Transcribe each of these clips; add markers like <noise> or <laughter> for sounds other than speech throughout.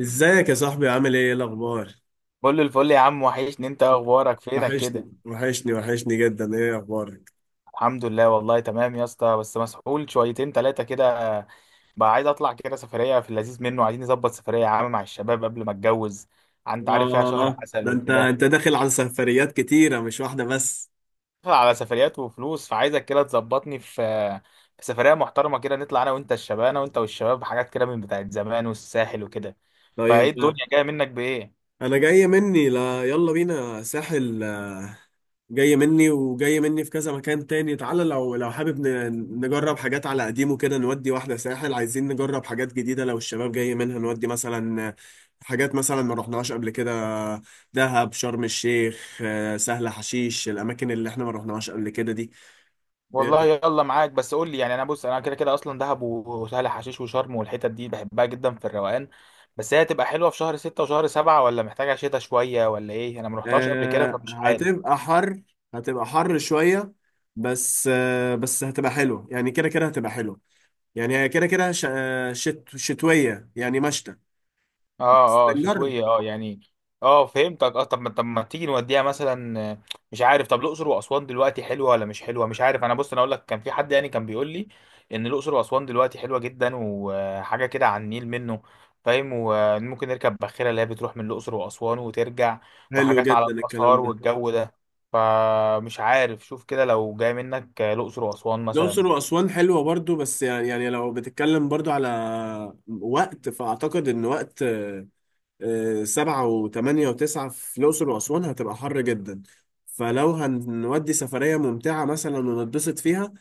ازيك يا صاحبي؟ عامل ايه الاخبار؟ كل الفل يا عم، وحشني. انت اخبارك؟ فينك كده؟ وحشني جدا. ايه اخبارك؟ الحمد لله والله تمام يا اسطى، بس مسحول شويتين تلاتة كده. بقى عايز اطلع كده سفرية في اللذيذ منه، عايزين نظبط سفرية يا عم مع الشباب قبل ما اتجوز. انت عارف، فيها شهر اه عسل ده انت وكده. انت داخل على سفريات كتيرة، مش واحدة بس. على سفريات وفلوس، فعايزك كده تظبطني في سفرية محترمة كده، نطلع انا وانت الشباب، انا وانت والشباب، حاجات كده من بتاعت زمان والساحل وكده. طيب، فايه الدنيا جاية منك بايه؟ انا جاي مني؟ لا، يلا بينا ساحل. جاي مني، وجاي مني في كذا مكان تاني. تعالى، لو حابب نجرب حاجات على قديمه كده، نودي واحدة ساحل. عايزين نجرب حاجات جديدة لو الشباب جاي منها، نودي مثلا حاجات مثلا ما رحناهاش قبل كده. دهب، شرم الشيخ، سهل حشيش، الأماكن اللي احنا ما رحناهاش قبل كده دي. إيه والله رأيك؟ يلا معاك، بس قول لي يعني. انا بص كده كده اصلا دهب وسهل حشيش وشرم والحتت دي بحبها جدا في الروقان. بس هي هتبقى حلوه في شهر ستة وشهر سبعة، ولا محتاجه شتاء شويه ولا ايه؟ انا ما رحتهاش قبل كده فمش عارف. هتبقى حر، هتبقى حر شوية. بس بس هتبقى حلوة، يعني كده كده هتبقى حلوة. يعني هي كده كده ش- آه، شت شتوية، يعني مشتى. بس اه اه نجرب. شتوية اه يعني. اه فهمتك اه. طب ما تيجي نوديها مثلا؟ مش عارف. طب الأقصر وأسوان دلوقتي حلوة ولا مش حلوة؟ مش عارف. انا بص، انا اقول لك كان في حد يعني كان بيقول لي ان الأقصر وأسوان دلوقتي حلوة جدا، وحاجة كده على النيل منه فاهم، وممكن نركب باخرة اللي هي بتروح من الأقصر وأسوان وترجع، حلو وحاجات على جدا الكلام الآثار ده. والجو ده. فمش عارف، شوف كده لو جاي منك الأقصر وأسوان مثلا. الأقصر وأسوان حلوة برضو، بس يعني لو بتتكلم برضو على وقت، فأعتقد إن وقت سبعة وثمانية وتسعة في الأقصر وأسوان هتبقى حر جدا. فلو هنودي سفرية ممتعة مثلا ونتبسط فيها،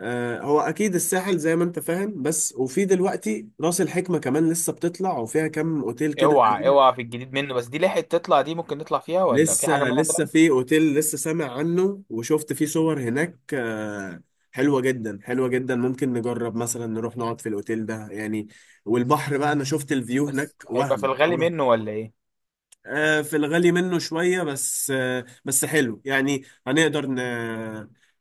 هو أكيد الساحل زي ما أنت فاهم، بس وفي دلوقتي رأس الحكمة كمان لسه بتطلع، وفيها كام أوتيل كده. اوعى اوعى في الجديد منه، بس دي لحقت تطلع؟ دي ممكن نطلع فيها ولا في حاجة لسه، منها؟ في اوتيل لسه سامع عنه وشفت فيه صور هناك، حلوة جدا، حلوة جدا. ممكن نجرب مثلا نروح نقعد في الاوتيل ده يعني. والبحر بقى انا شفت الفيو هناك، بس هيبقى في وهم الغالي وهم منه ولا ايه؟ في الغالي منه شوية، بس بس حلو يعني. هنقدر ن...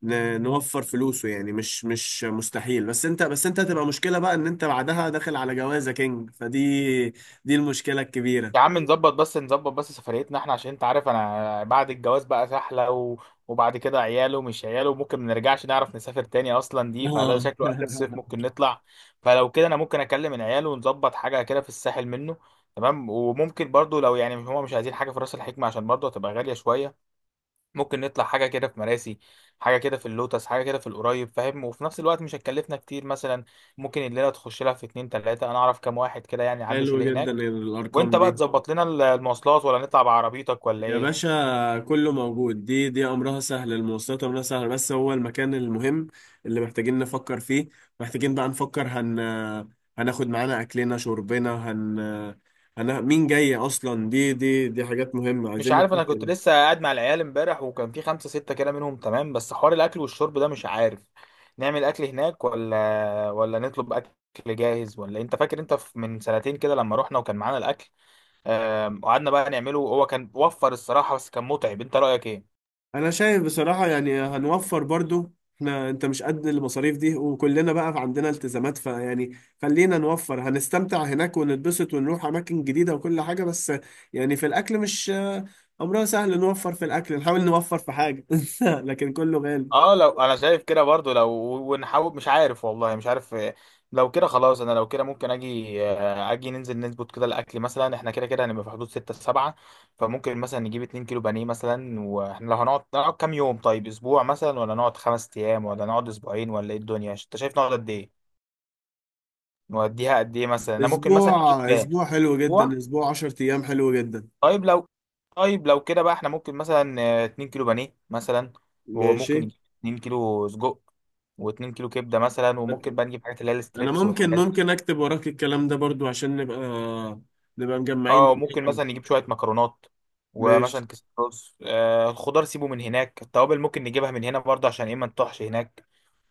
ن... نوفر فلوسه يعني، مش مستحيل. بس انت هتبقى مشكلة بقى، ان انت بعدها داخل على جوازة كينج، فدي دي المشكلة الكبيرة. يا عم نظبط بس، نظبط بس. سفريتنا احنا، عشان انت عارف انا بعد الجواز بقى سحلة وبعد كده عياله ومش عياله، وممكن ما نرجعش نعرف نسافر تاني اصلا دي. فده اه شكله اخر صيف <laughs> ممكن نطلع. فلو كده انا ممكن اكلم العيال ونظبط حاجة كده في الساحل منه، تمام. وممكن برضو لو يعني هما مش عايزين حاجة في راس الحكمة، عشان برضو هتبقى غالية شوية، ممكن نطلع حاجة كده في مراسي، حاجة كده في اللوتس، حاجة كده في القريب فاهم، وفي نفس الوقت مش هتكلفنا كتير مثلا. ممكن الليلة تخش لها في اتنين تلاتة، أنا أعرف كام واحد كده يعني عنده حلو شاليه جدا هناك. الارقام وأنت دي. بقى تظبط لنا المواصلات، ولا نطلع بعربيتك ولا يا إيه؟ باشا، كله موجود. دي امرها سهل، المواصلات امرها سهل، بس هو المكان المهم اللي محتاجين نفكر فيه. محتاجين بقى نفكر، هناخد معانا اكلنا شربنا، هن هن مين جاي اصلا. دي حاجات مهمة، مش عايزين عارف، أنا كنت نتأكد. لسه قاعد مع العيال امبارح وكان في خمسة ستة كده منهم تمام. بس حوار الأكل والشرب ده مش عارف نعمل أكل هناك ولا نطلب أكل جاهز، ولا أنت فاكر أنت من 2 سنتين كده لما رحنا وكان معانا الأكل؟ قعدنا بقى نعمله، هو كان وفر الصراحة بس كان متعب. أنت رأيك إيه؟ انا شايف بصراحة، يعني هنوفر برضو. احنا انت مش قد المصاريف دي، وكلنا بقى عندنا التزامات، فيعني خلينا نوفر. هنستمتع هناك ونتبسط ونروح اماكن جديدة وكل حاجة، بس يعني في الاكل، مش امرها سهل. نوفر في الاكل، نحاول نوفر في حاجة. <laughs> لكن كله غالي. اه لو انا شايف كده برضو لو، ونحاول مش عارف، والله مش عارف. لو كده خلاص، انا لو كده ممكن اجي، اجي ننزل نظبط كده الاكل مثلا. احنا كده كده هنبقى في حدود ستة سبعة، فممكن مثلا نجيب 2 كيلو بانيه مثلا. واحنا لو هنقعد، نقعد كام يوم؟ طيب اسبوع مثلا، ولا نقعد 5 ايام، ولا نقعد 2 اسبوعين، ولا ايه الدنيا؟ انت شايف نقعد قد ايه؟ نوديها قد ايه مثلا؟ انا ممكن اسبوع، مثلا نجيب حلو جدا. اسبوع. اسبوع 10 ايام حلو جدا. طيب لو طيب لو كده بقى، احنا ممكن مثلا 2 كيلو بانيه مثلا، ماشي. وممكن نجيب 2 كيلو سجق، و2 كيلو كبده مثلا. وممكن بقى نجيب حاجات اللي هي انا الستريبس ممكن والحاجات دي. ممكن اكتب وراك الكلام ده برضو، عشان نبقى مجمعين اه ممكن دنيتنا. مثلا نجيب شويه مكرونات، ماشي. ومثلا كيس رز. آه الخضار سيبه من هناك، التوابل ممكن نجيبها من هنا برضه عشان ايه ما نطحش هناك.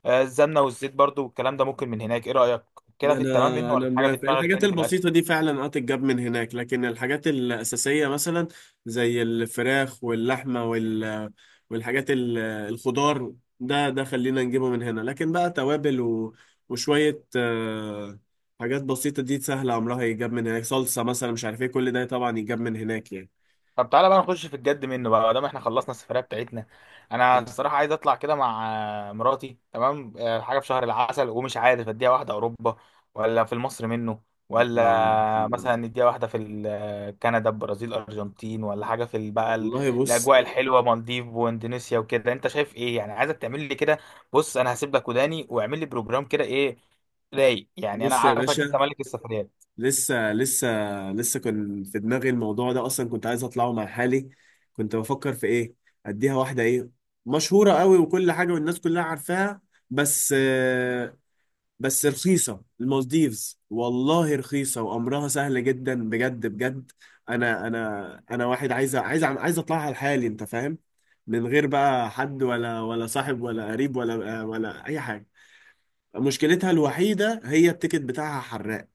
آه السمنه والزيت برضه والكلام ده ممكن من هناك. ايه رايك؟ كده في التمام انا منه، ولا انا في حاجه في موافق. دماغك الحاجات تاني في الاكل؟ البسيطه دي فعلا اه تتجاب من هناك، لكن الحاجات الاساسيه مثلا زي الفراخ واللحمه والحاجات الخضار، ده خلينا نجيبه من هنا. لكن بقى توابل وشويه حاجات بسيطه دي سهله، عمرها يتجاب من هناك. صلصه مثلا مش عارف ايه، كل ده طبعا يتجاب من هناك يعني. طب تعالى بقى نخش في الجد منه بقى، ما دام احنا خلصنا السفرية بتاعتنا. انا الصراحة عايز اطلع كده مع مراتي تمام، حاجة في شهر العسل، ومش عارف اديها واحدة اوروبا، ولا في مصر منه، الله ولا الله، مثلا نديها واحدة في كندا، البرازيل، ارجنتين، ولا حاجة في والله بص. الاجواء الحلوة، مالديف واندونيسيا وكده؟ انت شايف ايه يعني؟ عايزك تعمل لي كده، بص انا هسيب لك وداني واعمل لي بروجرام كده ايه، رايق يعني. انا بص يا عارفك انت باشا، ملك السفريات. لسه لسه لسه كان في دماغي الموضوع ده اصلا. كنت عايز اطلعه مع حالي. كنت بفكر في ايه؟ اديها واحده ايه، مشهوره قوي، وكل حاجه والناس كلها عارفاها. بس بس رخيصه المالديفز، والله رخيصه وامرها سهل جدا، بجد بجد. انا واحد عايز اطلعها لحالي، انت فاهم؟ من غير بقى حد، ولا صاحب ولا قريب، ولا اي حاجه. مشكلتها الوحيده هي التيكت بتاعها حراق،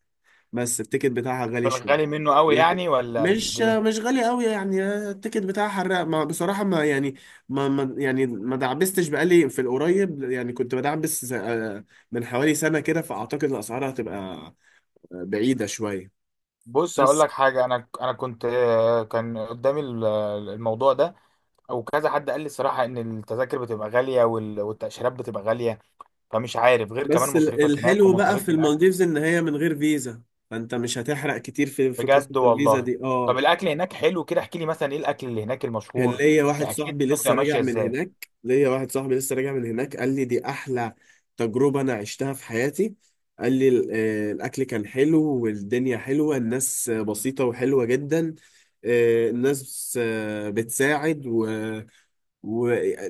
بس التيكت بتاعها في غالي الغالي شوية. منه قوي لكن يعني، ولا قد مش ايه؟ مش غالي قوي يعني. التيكت بتاعها حراق، ما بصراحة ما يعني، ما دعبستش بقالي في القريب يعني. كنت بدعبس من حوالي سنة كده، فأعتقد الأسعار هتبقى بعيدة شوية. بص هقول بس لك حاجه، انا كنت كان قدامي الموضوع ده، او كذا حد قال لي الصراحه ان التذاكر بتبقى غاليه، والتاشيرات بتبقى غاليه، فمش عارف غير كمان مصاريفك هناك الحلو بقى ومصاريف في الاكل. المالديفز إن هي من غير فيزا، فأنت مش هتحرق كتير في قصة بجد الفيزا والله. دي. طب اه الاكل هناك حلو؟ كده احكي لي مثلا ايه الاكل اللي هناك كان المشهور. ليا واحد احكي لي صاحبي الدنيا لسه بتبقى راجع ماشيه من ازاي. هناك. ليا واحد صاحبي لسه راجع من هناك قال لي دي احلى تجربة انا عشتها في حياتي. قال لي الاكل كان حلو، والدنيا حلوة، الناس بسيطة وحلوة جدا. الناس بتساعد. وناس،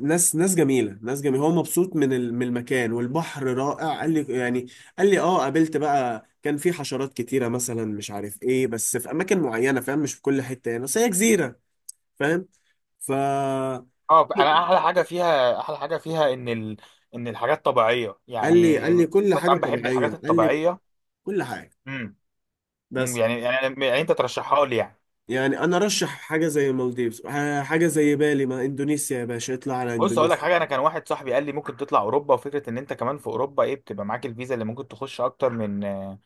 ناس جميلة، هو مبسوط من من المكان. والبحر رائع قال لي يعني. قال لي اه قابلت بقى، كان في حشرات كتيرة مثلا مش عارف ايه، بس في اماكن معينة فاهم، مش في كل حتة يعني، بس هي جزيرة فاهم. فقال اه انا احلى حاجه فيها، ان الحاجات طبيعيه لي يعني. قال لي كل حاجه طبعا بحب الحاجات طبيعيه. قال لي الطبيعيه. كل حاجه. امم بس يعني يعني انت ترشحها لي يعني؟ يعني انا رشح حاجه زي المالديفز، حاجه زي بالي. ما اندونيسيا يا باشا، اطلع على بص اقول لك حاجه، اندونيسيا. انا كان واحد صاحبي قال لي ممكن تطلع اوروبا، وفكره ان انت كمان في اوروبا ايه، بتبقى معاك الفيزا اللي ممكن تخش اكتر من آه،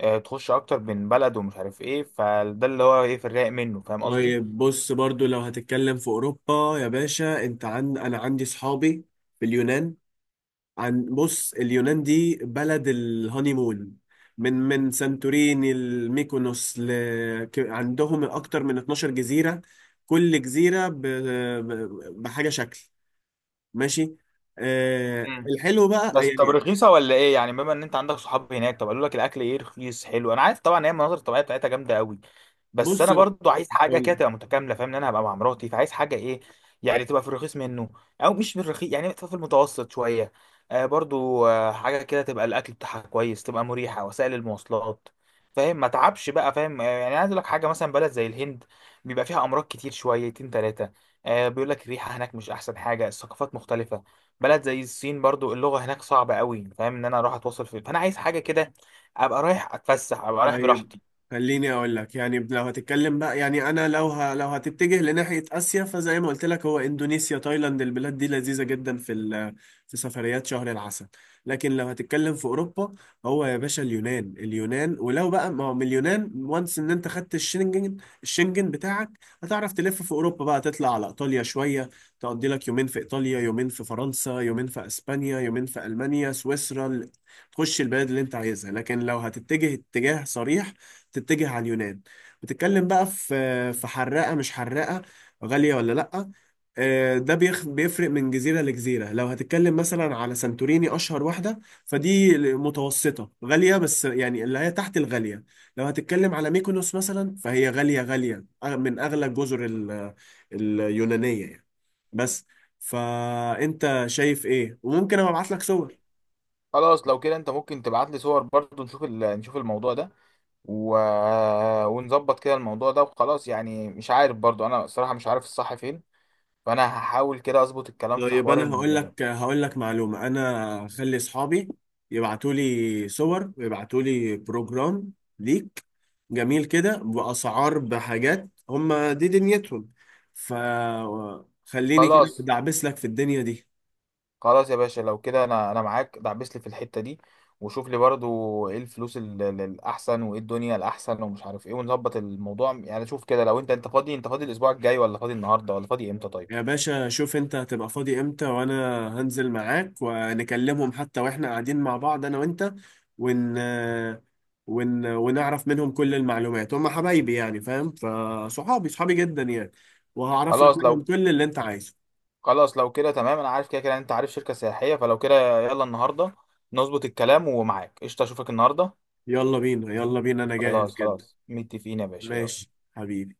آه، تخش اكتر من بلد، ومش عارف ايه. فده اللي هو ايه، في الرايق منه فاهم قصدي. طيب بص، برضو لو هتتكلم في اوروبا يا باشا، انت عن انا عندي صحابي في اليونان. بص، اليونان دي بلد الهانيمون. من سانتوريني، الميكونوس، عندهم اكتر من 12 جزيره. كل جزيره بحاجه شكل. ماشي. آه مم. الحلو بس بقى طب يعني. رخيصه ولا ايه يعني، بما ان انت عندك صحاب هناك؟ طب قالوا لك الاكل ايه، رخيص حلو؟ انا عارف طبعا هي المناظر الطبيعيه بتاعتها جامده قوي، بس بص انا برضو عايز حاجه قول لي. كده تبقى متكامله فاهم، ان انا هبقى مع مراتي فعايز حاجه ايه، يعني تبقى في الرخيص منه، او مش في الرخيص يعني تبقى في المتوسط شويه. آه برضو آه حاجه كده تبقى الاكل بتاعها كويس، تبقى مريحه وسائل المواصلات فاهم، ما تعبش بقى فاهم. آه يعني عايز اقول لك حاجه، مثلا بلد زي الهند بيبقى فيها امراض كتير شويتين ثلاثه، آه بيقول لك الريحه هناك مش احسن حاجه، الثقافات مختلفه. بلد زي الصين برضو اللغه هناك صعبه قوي، فاهم ان انا اروح اتواصل في، فانا عايز حاجه كده ابقى رايح اتفسح، ابقى رايح طيب براحتي. خليني اقول لك. يعني لو هتتكلم بقى، يعني انا لو هتتجه لناحيه اسيا، فزي ما قلت لك، هو اندونيسيا، تايلاند، البلاد دي لذيذه جدا في في سفريات شهر العسل. لكن لو هتتكلم في اوروبا، هو يا باشا اليونان، ولو بقى ما هو من اليونان، وانس ان انت خدت الشنجن، الشنجن بتاعك، هتعرف تلف في اوروبا بقى. تطلع على ايطاليا شويه، تقضي لك يومين في ايطاليا، يومين في فرنسا، يومين في اسبانيا، يومين في المانيا، سويسرا، تخش البلد اللي انت عايزها. لكن لو هتتجه اتجاه صريح، تتجه على اليونان. بتتكلم بقى في حراقة مش حراقة، غالية ولا لأ؟ ده بيفرق من جزيرة لجزيرة. لو هتتكلم مثلا على سانتوريني، أشهر واحدة، فدي متوسطة غالية، بس يعني اللي هي تحت الغالية. لو هتتكلم على ميكونوس مثلا، فهي غالية غالية، من أغلى الجزر اليونانية يعني. بس فأنت شايف إيه؟ وممكن أبقى أبعت لك صور. خلاص لو كده انت ممكن تبعت لي صور برضو، نشوف نشوف الموضوع ده و... آه، ونظبط كده الموضوع ده وخلاص. يعني مش عارف برضو، انا الصراحة مش عارف الصح فين، فانا هحاول كده اظبط الكلام في طيب حوار انا هقول لك معلومه. انا خلي اصحابي يبعتوا لي صور ويبعتوا لي بروجرام ليك، جميل كده، باسعار، بحاجات، هم دي دنيتهم. فخليني كده خلاص دعبس لك في الدنيا دي. خلاص يا باشا، لو كده انا معاك، دعبس لي في الحتة دي، وشوف لي برضو ايه الفلوس الاحسن، وايه الدنيا الاحسن، ومش عارف ايه، ونظبط الموضوع. يعني شوف كده لو انت، انت فاضي الاسبوع الجاي، ولا فاضي النهارده، ولا فاضي امتى؟ طيب. يا باشا شوف انت هتبقى فاضي امتى، وانا هنزل معاك ونكلمهم حتى واحنا قاعدين مع بعض انا وانت، ون... ونعرف منهم كل المعلومات. هم حبايبي يعني فاهم، فصحابي، صحابي جدا يعني، وهعرف لك خلاص منهم لو كل اللي انت عايزه. خلاص لو كده تمام. انا عارف كده كده انت عارف شركة سياحية، فلو كده يلا النهاردة نظبط الكلام، ومعاك قشطة اشوفك النهاردة. يلا بينا، انا جاهز خلاص جدا. متفقين يا باشا، يلا. ماشي حبيبي.